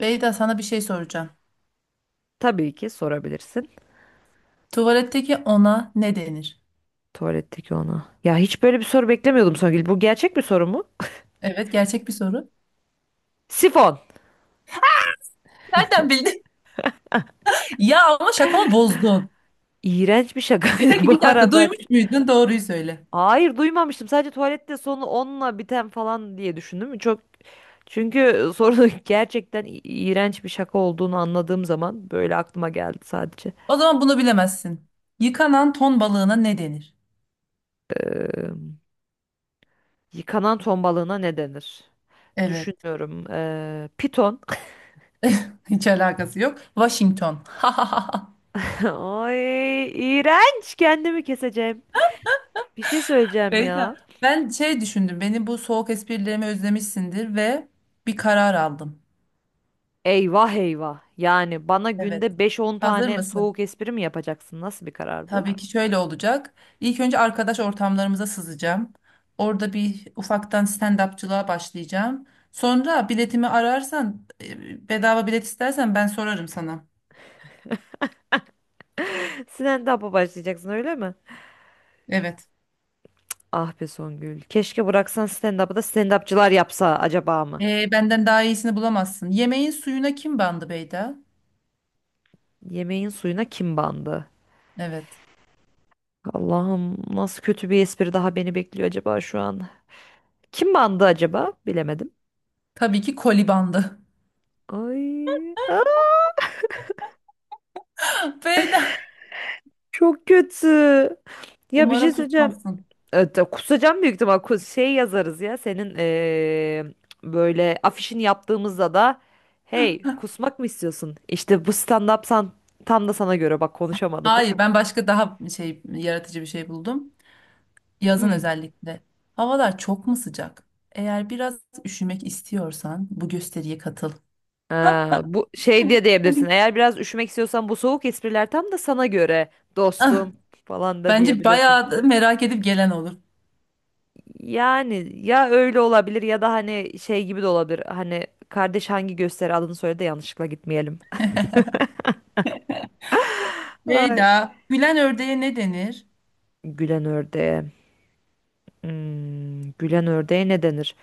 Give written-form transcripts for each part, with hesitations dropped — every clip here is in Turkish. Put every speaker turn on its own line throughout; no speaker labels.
Beyda sana bir şey soracağım.
Tabii ki sorabilirsin.
Tuvaletteki ona ne denir?
Tuvaletteki ona. Ya hiç böyle bir soru beklemiyordum Songül. Bu gerçek bir soru mu?
Evet, gerçek bir soru.
Sifon.
Nereden bildin? Ya ama şakamı bozdun.
İğrenç bir şakaydı
Peki
bu
bir dakika,
arada.
duymuş muydun? Doğruyu söyle.
Hayır duymamıştım. Sadece tuvalette sonu onunla biten falan diye düşündüm. Çok çünkü sorunun gerçekten iğrenç bir şaka olduğunu anladığım zaman böyle aklıma geldi sadece.
O zaman bunu bilemezsin. Yıkanan ton balığına ne denir?
Ee, Yıkanan ton balığına ne denir?
Evet.
Düşünüyorum. Piton.
Hiç alakası yok. Washington.
Ay, iğrenç. Kendimi keseceğim. Bir şey söyleyeceğim
Beyda,
ya.
ben düşündüm. Benim bu soğuk esprilerimi özlemişsindir ve bir karar aldım.
Eyvah eyvah. Yani bana günde
Evet.
beş on
Hazır
tane
mısın?
soğuk espri mi yapacaksın? Nasıl bir karar bu?
Tabii ki şöyle olacak. İlk önce arkadaş ortamlarımıza sızacağım. Orada bir ufaktan stand-upçılığa başlayacağım. Sonra biletimi ararsan, bedava bilet istersen ben sorarım sana.
Stand-up'a başlayacaksın öyle mi?
Evet.
Ah be Songül. Keşke bıraksan stand-up'ı da stand-upçılar yapsa acaba mı?
Benden daha iyisini bulamazsın. Yemeğin suyuna kim bandı Beyda?
Yemeğin suyuna kim bandı?
Evet.
Allah'ım, nasıl kötü bir espri daha beni bekliyor acaba şu an? Kim bandı acaba? Bilemedim.
Tabii ki koli bandı.
Ay, aa,
Beyda.
çok kötü. Ya bir şey
Umarım
söyleyeceğim.
kusmazsın.
Evet, kusacağım büyük ihtimal. Şey yazarız ya senin böyle afişini yaptığımızda da hey, kusmak mı istiyorsun? İşte bu stand-up tam da sana göre, bak konuşamadım.
Hayır, ben başka daha yaratıcı bir şey buldum. Yazın özellikle. Havalar çok mu sıcak? Eğer biraz üşümek istiyorsan bu gösteriye katıl.
Ha, bu şey diye diyebilirsin.
Tabii.
Eğer biraz üşümek istiyorsan bu soğuk espriler tam da sana göre
Ah,
dostum falan da
bence
diyebilirsin.
bayağı da merak edip gelen olur.
Yani ya öyle olabilir ya da hani şey gibi de olabilir. Hani kardeş, hangi gösteri adını söyle de yanlışlıkla gitmeyelim. Ay.
Beyda, gülen ördeğe ne denir?
Gülen ördeğe. Gülen ördeğe ne denir?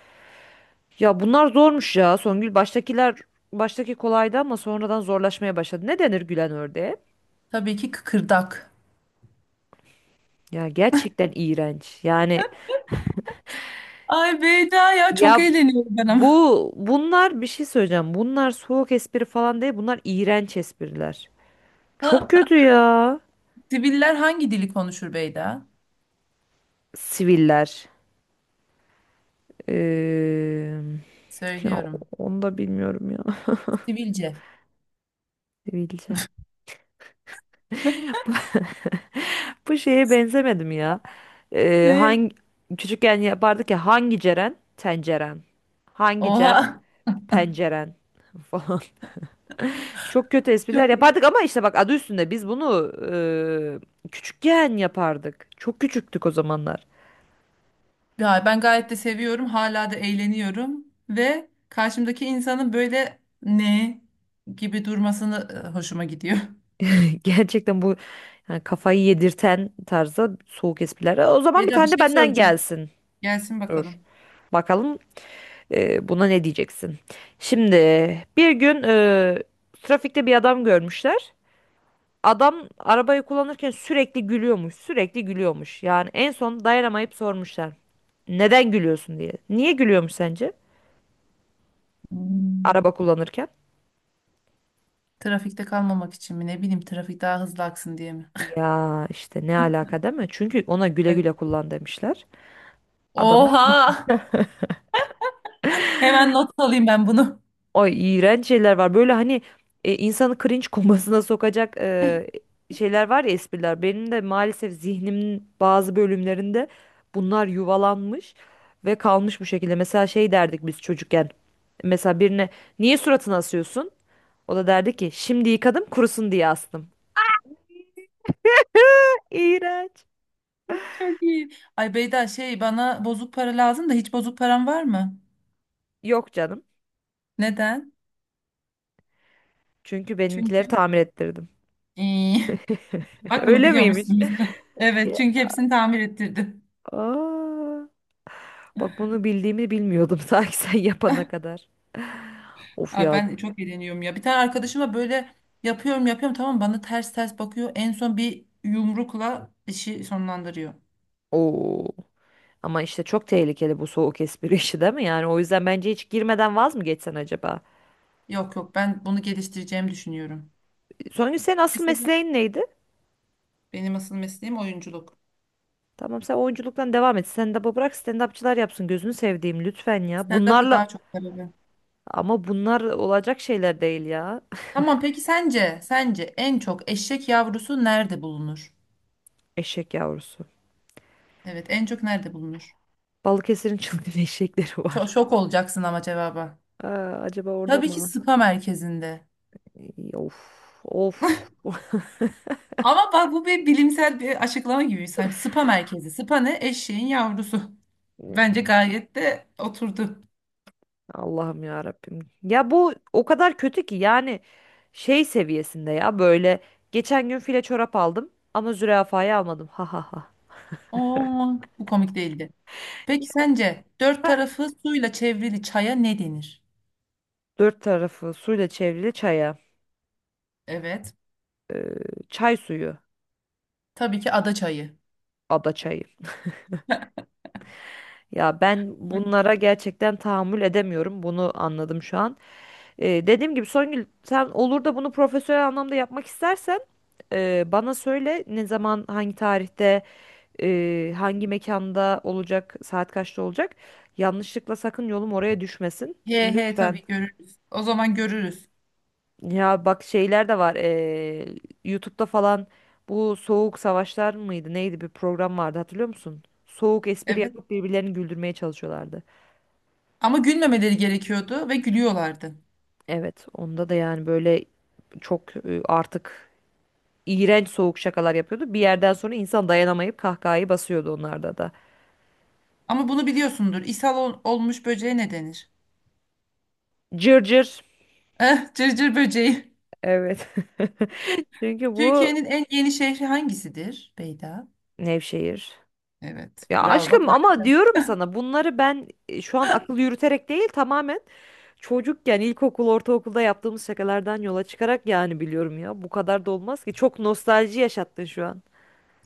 Ya bunlar zormuş ya Songül. Baştaki kolaydı ama sonradan zorlaşmaya başladı. Ne denir gülen ördeğe?
Tabii ki kıkırdak.
Ya gerçekten iğrenç. Yani
Ay Beyda ya, çok
ya
eğleniyorum ben ama.
bunlar bir şey söyleyeceğim. Bunlar soğuk espri falan değil. Bunlar iğrenç espriler. Çok
Ha,
kötü ya.
siviller hangi dili konuşur Beyda?
Siviller. Ee, Ya
Söylüyorum.
onu da bilmiyorum ya.
Sivilce.
Sivilce. Bu şeye benzemedim ya. Ee,
Ne?
hangi Küçükken yapardık ya, hangi Ceren? Tenceren. Hangi Cem?
Oha.
Penceren falan. Çok kötü espriler
Çok.
yapardık ama işte bak, adı üstünde biz bunu küçükken yapardık. Çok küçüktük o zamanlar.
Ya ben gayet de seviyorum. Hala da eğleniyorum. Ve karşımdaki insanın böyle ne gibi durmasını hoşuma gidiyor.
Gerçekten bu, yani kafayı yedirten tarzda soğuk espriler. O zaman bir
Eda bir
tane de
şey
benden
soracağım.
gelsin.
Gelsin
Dur.
bakalım.
Bakalım, buna ne diyeceksin? Şimdi bir gün, trafikte bir adam görmüşler. Adam arabayı kullanırken sürekli gülüyormuş, sürekli gülüyormuş. Yani en son dayanamayıp sormuşlar. Neden gülüyorsun diye. Niye gülüyormuş sence?
Hmm,
Araba kullanırken.
trafikte kalmamak için mi? Ne bileyim, trafik daha hızlı aksın diye mi?
Ya işte, ne alaka değil mi? Çünkü ona güle
Evet.
güle kullan demişler. Adam da.
Oha! Hemen not alayım ben bunu.
Ay, iğrenç şeyler var. Böyle hani, insanı cringe komasına sokacak şeyler var ya, espriler. Benim de maalesef zihnimin bazı bölümlerinde bunlar yuvalanmış ve kalmış bu şekilde. Mesela şey derdik biz çocukken. Mesela birine, niye suratını asıyorsun? O da derdi ki, şimdi yıkadım kurusun diye astım. İğrenç.
Çok iyi. Ay Beyda, şey bana bozuk para lazım da hiç bozuk param var mı?
Yok canım.
Neden?
Çünkü
Çünkü.
benimkileri tamir ettirdim.
İyi. Bak, bunu
Öyle miymiş?
biliyormuşsun biz. Evet, çünkü hepsini tamir ettirdim.
Aa, bak bunu bildiğimi bilmiyordum sanki, sen yapana kadar. Of
Ay
ya.
ben çok eğleniyorum ya. Bir tane arkadaşıma böyle yapıyorum yapıyorum, tamam, bana ters ters bakıyor. En son bir yumrukla işi sonlandırıyor.
Oo. Ama işte çok tehlikeli bu soğuk espri işi değil mi? Yani o yüzden bence hiç girmeden vaz mı geçsen acaba?
Yok yok, ben bunu geliştireceğimi düşünüyorum.
Songül, senin asıl
Mesela
mesleğin neydi?
benim asıl mesleğim oyunculuk.
Tamam, sen oyunculuktan devam et. Stand-up'ı bırak, stand-upçılar yapsın. Gözünü sevdiğim, lütfen ya.
Stand-up'ta daha çok tabii.
Ama bunlar olacak şeyler değil ya.
Tamam, peki sence en çok eşek yavrusu nerede bulunur?
Eşek yavrusu.
Evet, en çok nerede bulunur?
Balıkesir'in çılgın eşekleri
Çok
var.
şok olacaksın ama cevaba.
Aa, acaba orada
Tabii ki
mı?
spa merkezinde.
İy, of of.
Ama bak, bu bir bilimsel bir açıklama gibi. Sen spa merkezi. Spa ne? Eşeğin yavrusu. Bence gayet de oturdu.
Allah'ım ya Rabbim. Ya bu o kadar kötü ki, yani şey seviyesinde ya, böyle geçen gün file çorap aldım ama zürafayı almadım. Ha ha ha.
Oo, bu komik değildi. Peki
Ya.
sence dört tarafı suyla çevrili çaya ne denir?
Dört tarafı suyla çevrili çaya.
Evet.
Çay suyu,
Tabii ki ada çayı.
ada çayı. Ya ben bunlara gerçekten tahammül edemiyorum. Bunu anladım şu an. Dediğim gibi Songül, sen olur da bunu profesyonel anlamda yapmak istersen, bana söyle, ne zaman, hangi tarihte, hangi mekanda olacak, saat kaçta olacak. Yanlışlıkla sakın yolum oraya düşmesin.
He he,
Lütfen.
tabii görürüz. O zaman görürüz.
Ya bak şeyler de var. YouTube'da falan bu Soğuk Savaşlar mıydı? Neydi, bir program vardı, hatırlıyor musun? Soğuk espri
Evet.
yapıp birbirlerini güldürmeye çalışıyorlardı.
Ama gülmemeleri gerekiyordu ve gülüyorlardı.
Evet, onda da yani böyle çok artık iğrenç soğuk şakalar yapıyordu. Bir yerden sonra insan dayanamayıp kahkahayı basıyordu onlarda da.
Ama bunu biliyorsundur. Olmuş böceğe ne denir?
Cırcır.
Eh, cırcır böceği.
Evet. Çünkü bu.
Türkiye'nin en yeni şehri hangisidir Beyda?
Nevşehir.
Evet.
Ya
Bravo bak,
aşkım, ama
harikasın.
diyorum sana bunları ben, şu an akıl yürüterek değil, tamamen çocukken ilkokul ortaokulda yaptığımız şakalardan yola çıkarak. Yani biliyorum ya, bu kadar da olmaz ki, çok nostalji yaşattın şu an.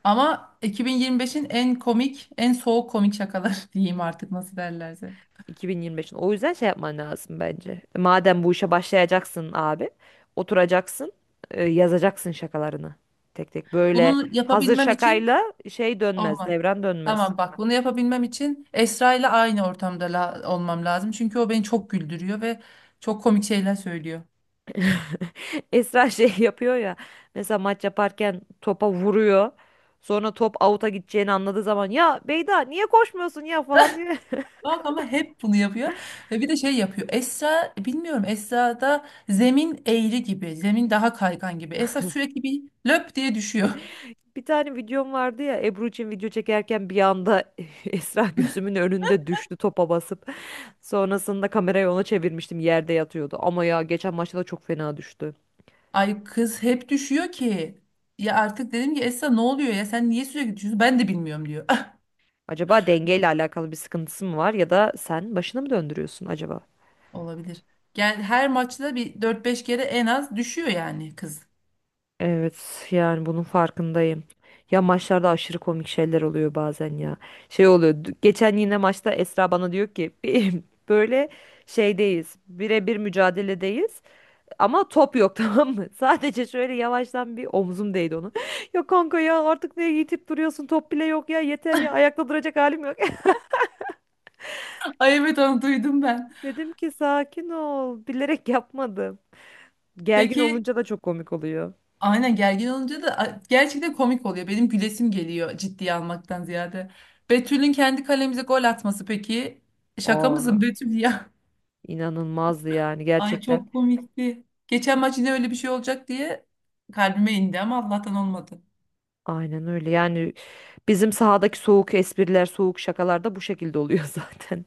Ama 2025'in en komik, en soğuk komik şakaları diyeyim artık nasıl derlerse.
2025'in, o yüzden şey yapman lazım bence. Madem bu işe başlayacaksın abi, oturacaksın, yazacaksın şakalarını tek tek, böyle
Bunu
hazır
yapabilmem için
şakayla şey dönmez,
olmaz.
devran dönmez.
Tamam bak, bunu yapabilmem için Esra ile aynı ortamda olmam lazım. Çünkü o beni çok güldürüyor ve çok komik şeyler söylüyor.
Esra şey yapıyor ya. Mesela maç yaparken topa vuruyor. Sonra top out'a gideceğini anladığı zaman, ya Beyda niye koşmuyorsun ya falan diyor.
Bak ama hep bunu yapıyor. Ve bir de şey yapıyor. Esra, bilmiyorum, Esra'da zemin eğri gibi. Zemin daha kaygan gibi. Esra sürekli bir löp diye düşüyor.
Bir tane videom vardı ya, Ebru için video çekerken bir anda Esra gözümün önünde düştü topa basıp. Sonrasında kamerayı ona çevirmiştim, yerde yatıyordu. Ama ya geçen maçta da çok fena düştü.
Ay kız hep düşüyor ki. Ya artık dedim ki Esra ne oluyor ya, sen niye sürekli düşüyorsun? Ben de bilmiyorum diyor.
Acaba dengeyle alakalı bir sıkıntısı mı var, ya da sen başını mı döndürüyorsun acaba?
Olabilir. Yani her maçta bir dört beş kere en az düşüyor yani kız.
Evet, yani bunun farkındayım. Ya maçlarda aşırı komik şeyler oluyor bazen ya. Şey oluyor. Geçen yine maçta Esra bana diyor ki Böyle şeydeyiz. Birebir mücadeledeyiz. Ama top yok tamam mı? Sadece şöyle yavaştan bir omzum değdi onu. Ya kanka ya, artık ne yitip duruyorsun? Top bile yok ya, yeter ya, ayakta duracak halim yok.
Ay evet, onu duydum ben.
Dedim ki, sakin ol. Bilerek yapmadım. Gergin
Peki,
olunca da çok komik oluyor.
aynen, gergin olunca da gerçekten komik oluyor. Benim gülesim geliyor ciddiye almaktan ziyade. Betül'ün kendi kalemize gol atması peki. Şaka mısın
Aa,
Betül ya?
inanılmazdı yani
Ay
gerçekten.
çok komikti. Geçen maç yine öyle bir şey olacak diye kalbime indi ama Allah'tan olmadı.
Aynen öyle yani. Bizim sahadaki soğuk espriler, soğuk şakalar da bu şekilde oluyor zaten.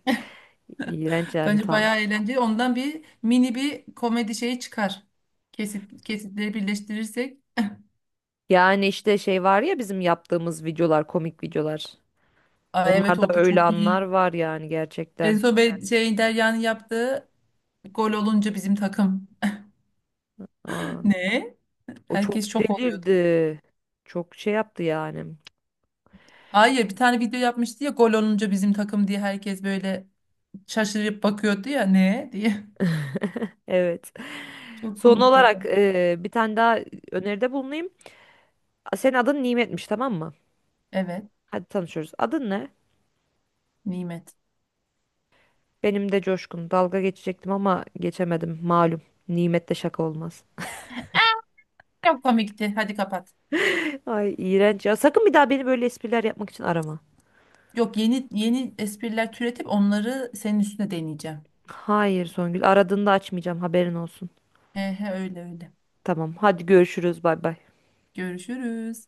İğrenç yani,
Bence
tam.
bayağı eğlenceli. Ondan bir mini bir komedi şeyi çıkar. Kesit, kesitleri birleştirirsek.
Yani işte şey var ya, bizim yaptığımız videolar, komik videolar.
Aa, evet,
Onlarda
o da
öyle
çok iyi.
anlar var yani,
En
gerçekten.
son be- şey Derya'nın yaptığı gol olunca bizim takım.
Aa,
Ne?
o
Herkes
çok
şok oluyordu.
delirdi. Çok şey yaptı yani.
Hayır, bir tane video yapmıştı ya, gol olunca bizim takım diye herkes böyle şaşırıp bakıyordu ya ne diye.
Evet.
Çok
Son
komikti o da.
olarak, bir tane daha öneride bulunayım. Senin adın Nimet'miş, tamam mı?
Evet
Hadi tanışıyoruz. Adın ne?
Nimet.
Benim de Coşkun. Dalga geçecektim ama geçemedim. Malum. Nimetle şaka olmaz.
Çok komikti, hadi kapat.
Ay iğrenç ya. Sakın bir daha beni böyle espriler yapmak için arama.
Yok, yeni yeni espriler türetip onları senin üstüne deneyeceğim.
Hayır Songül, aradığında açmayacağım, haberin olsun.
He he, öyle öyle.
Tamam, hadi görüşürüz. Bay bay.
Görüşürüz.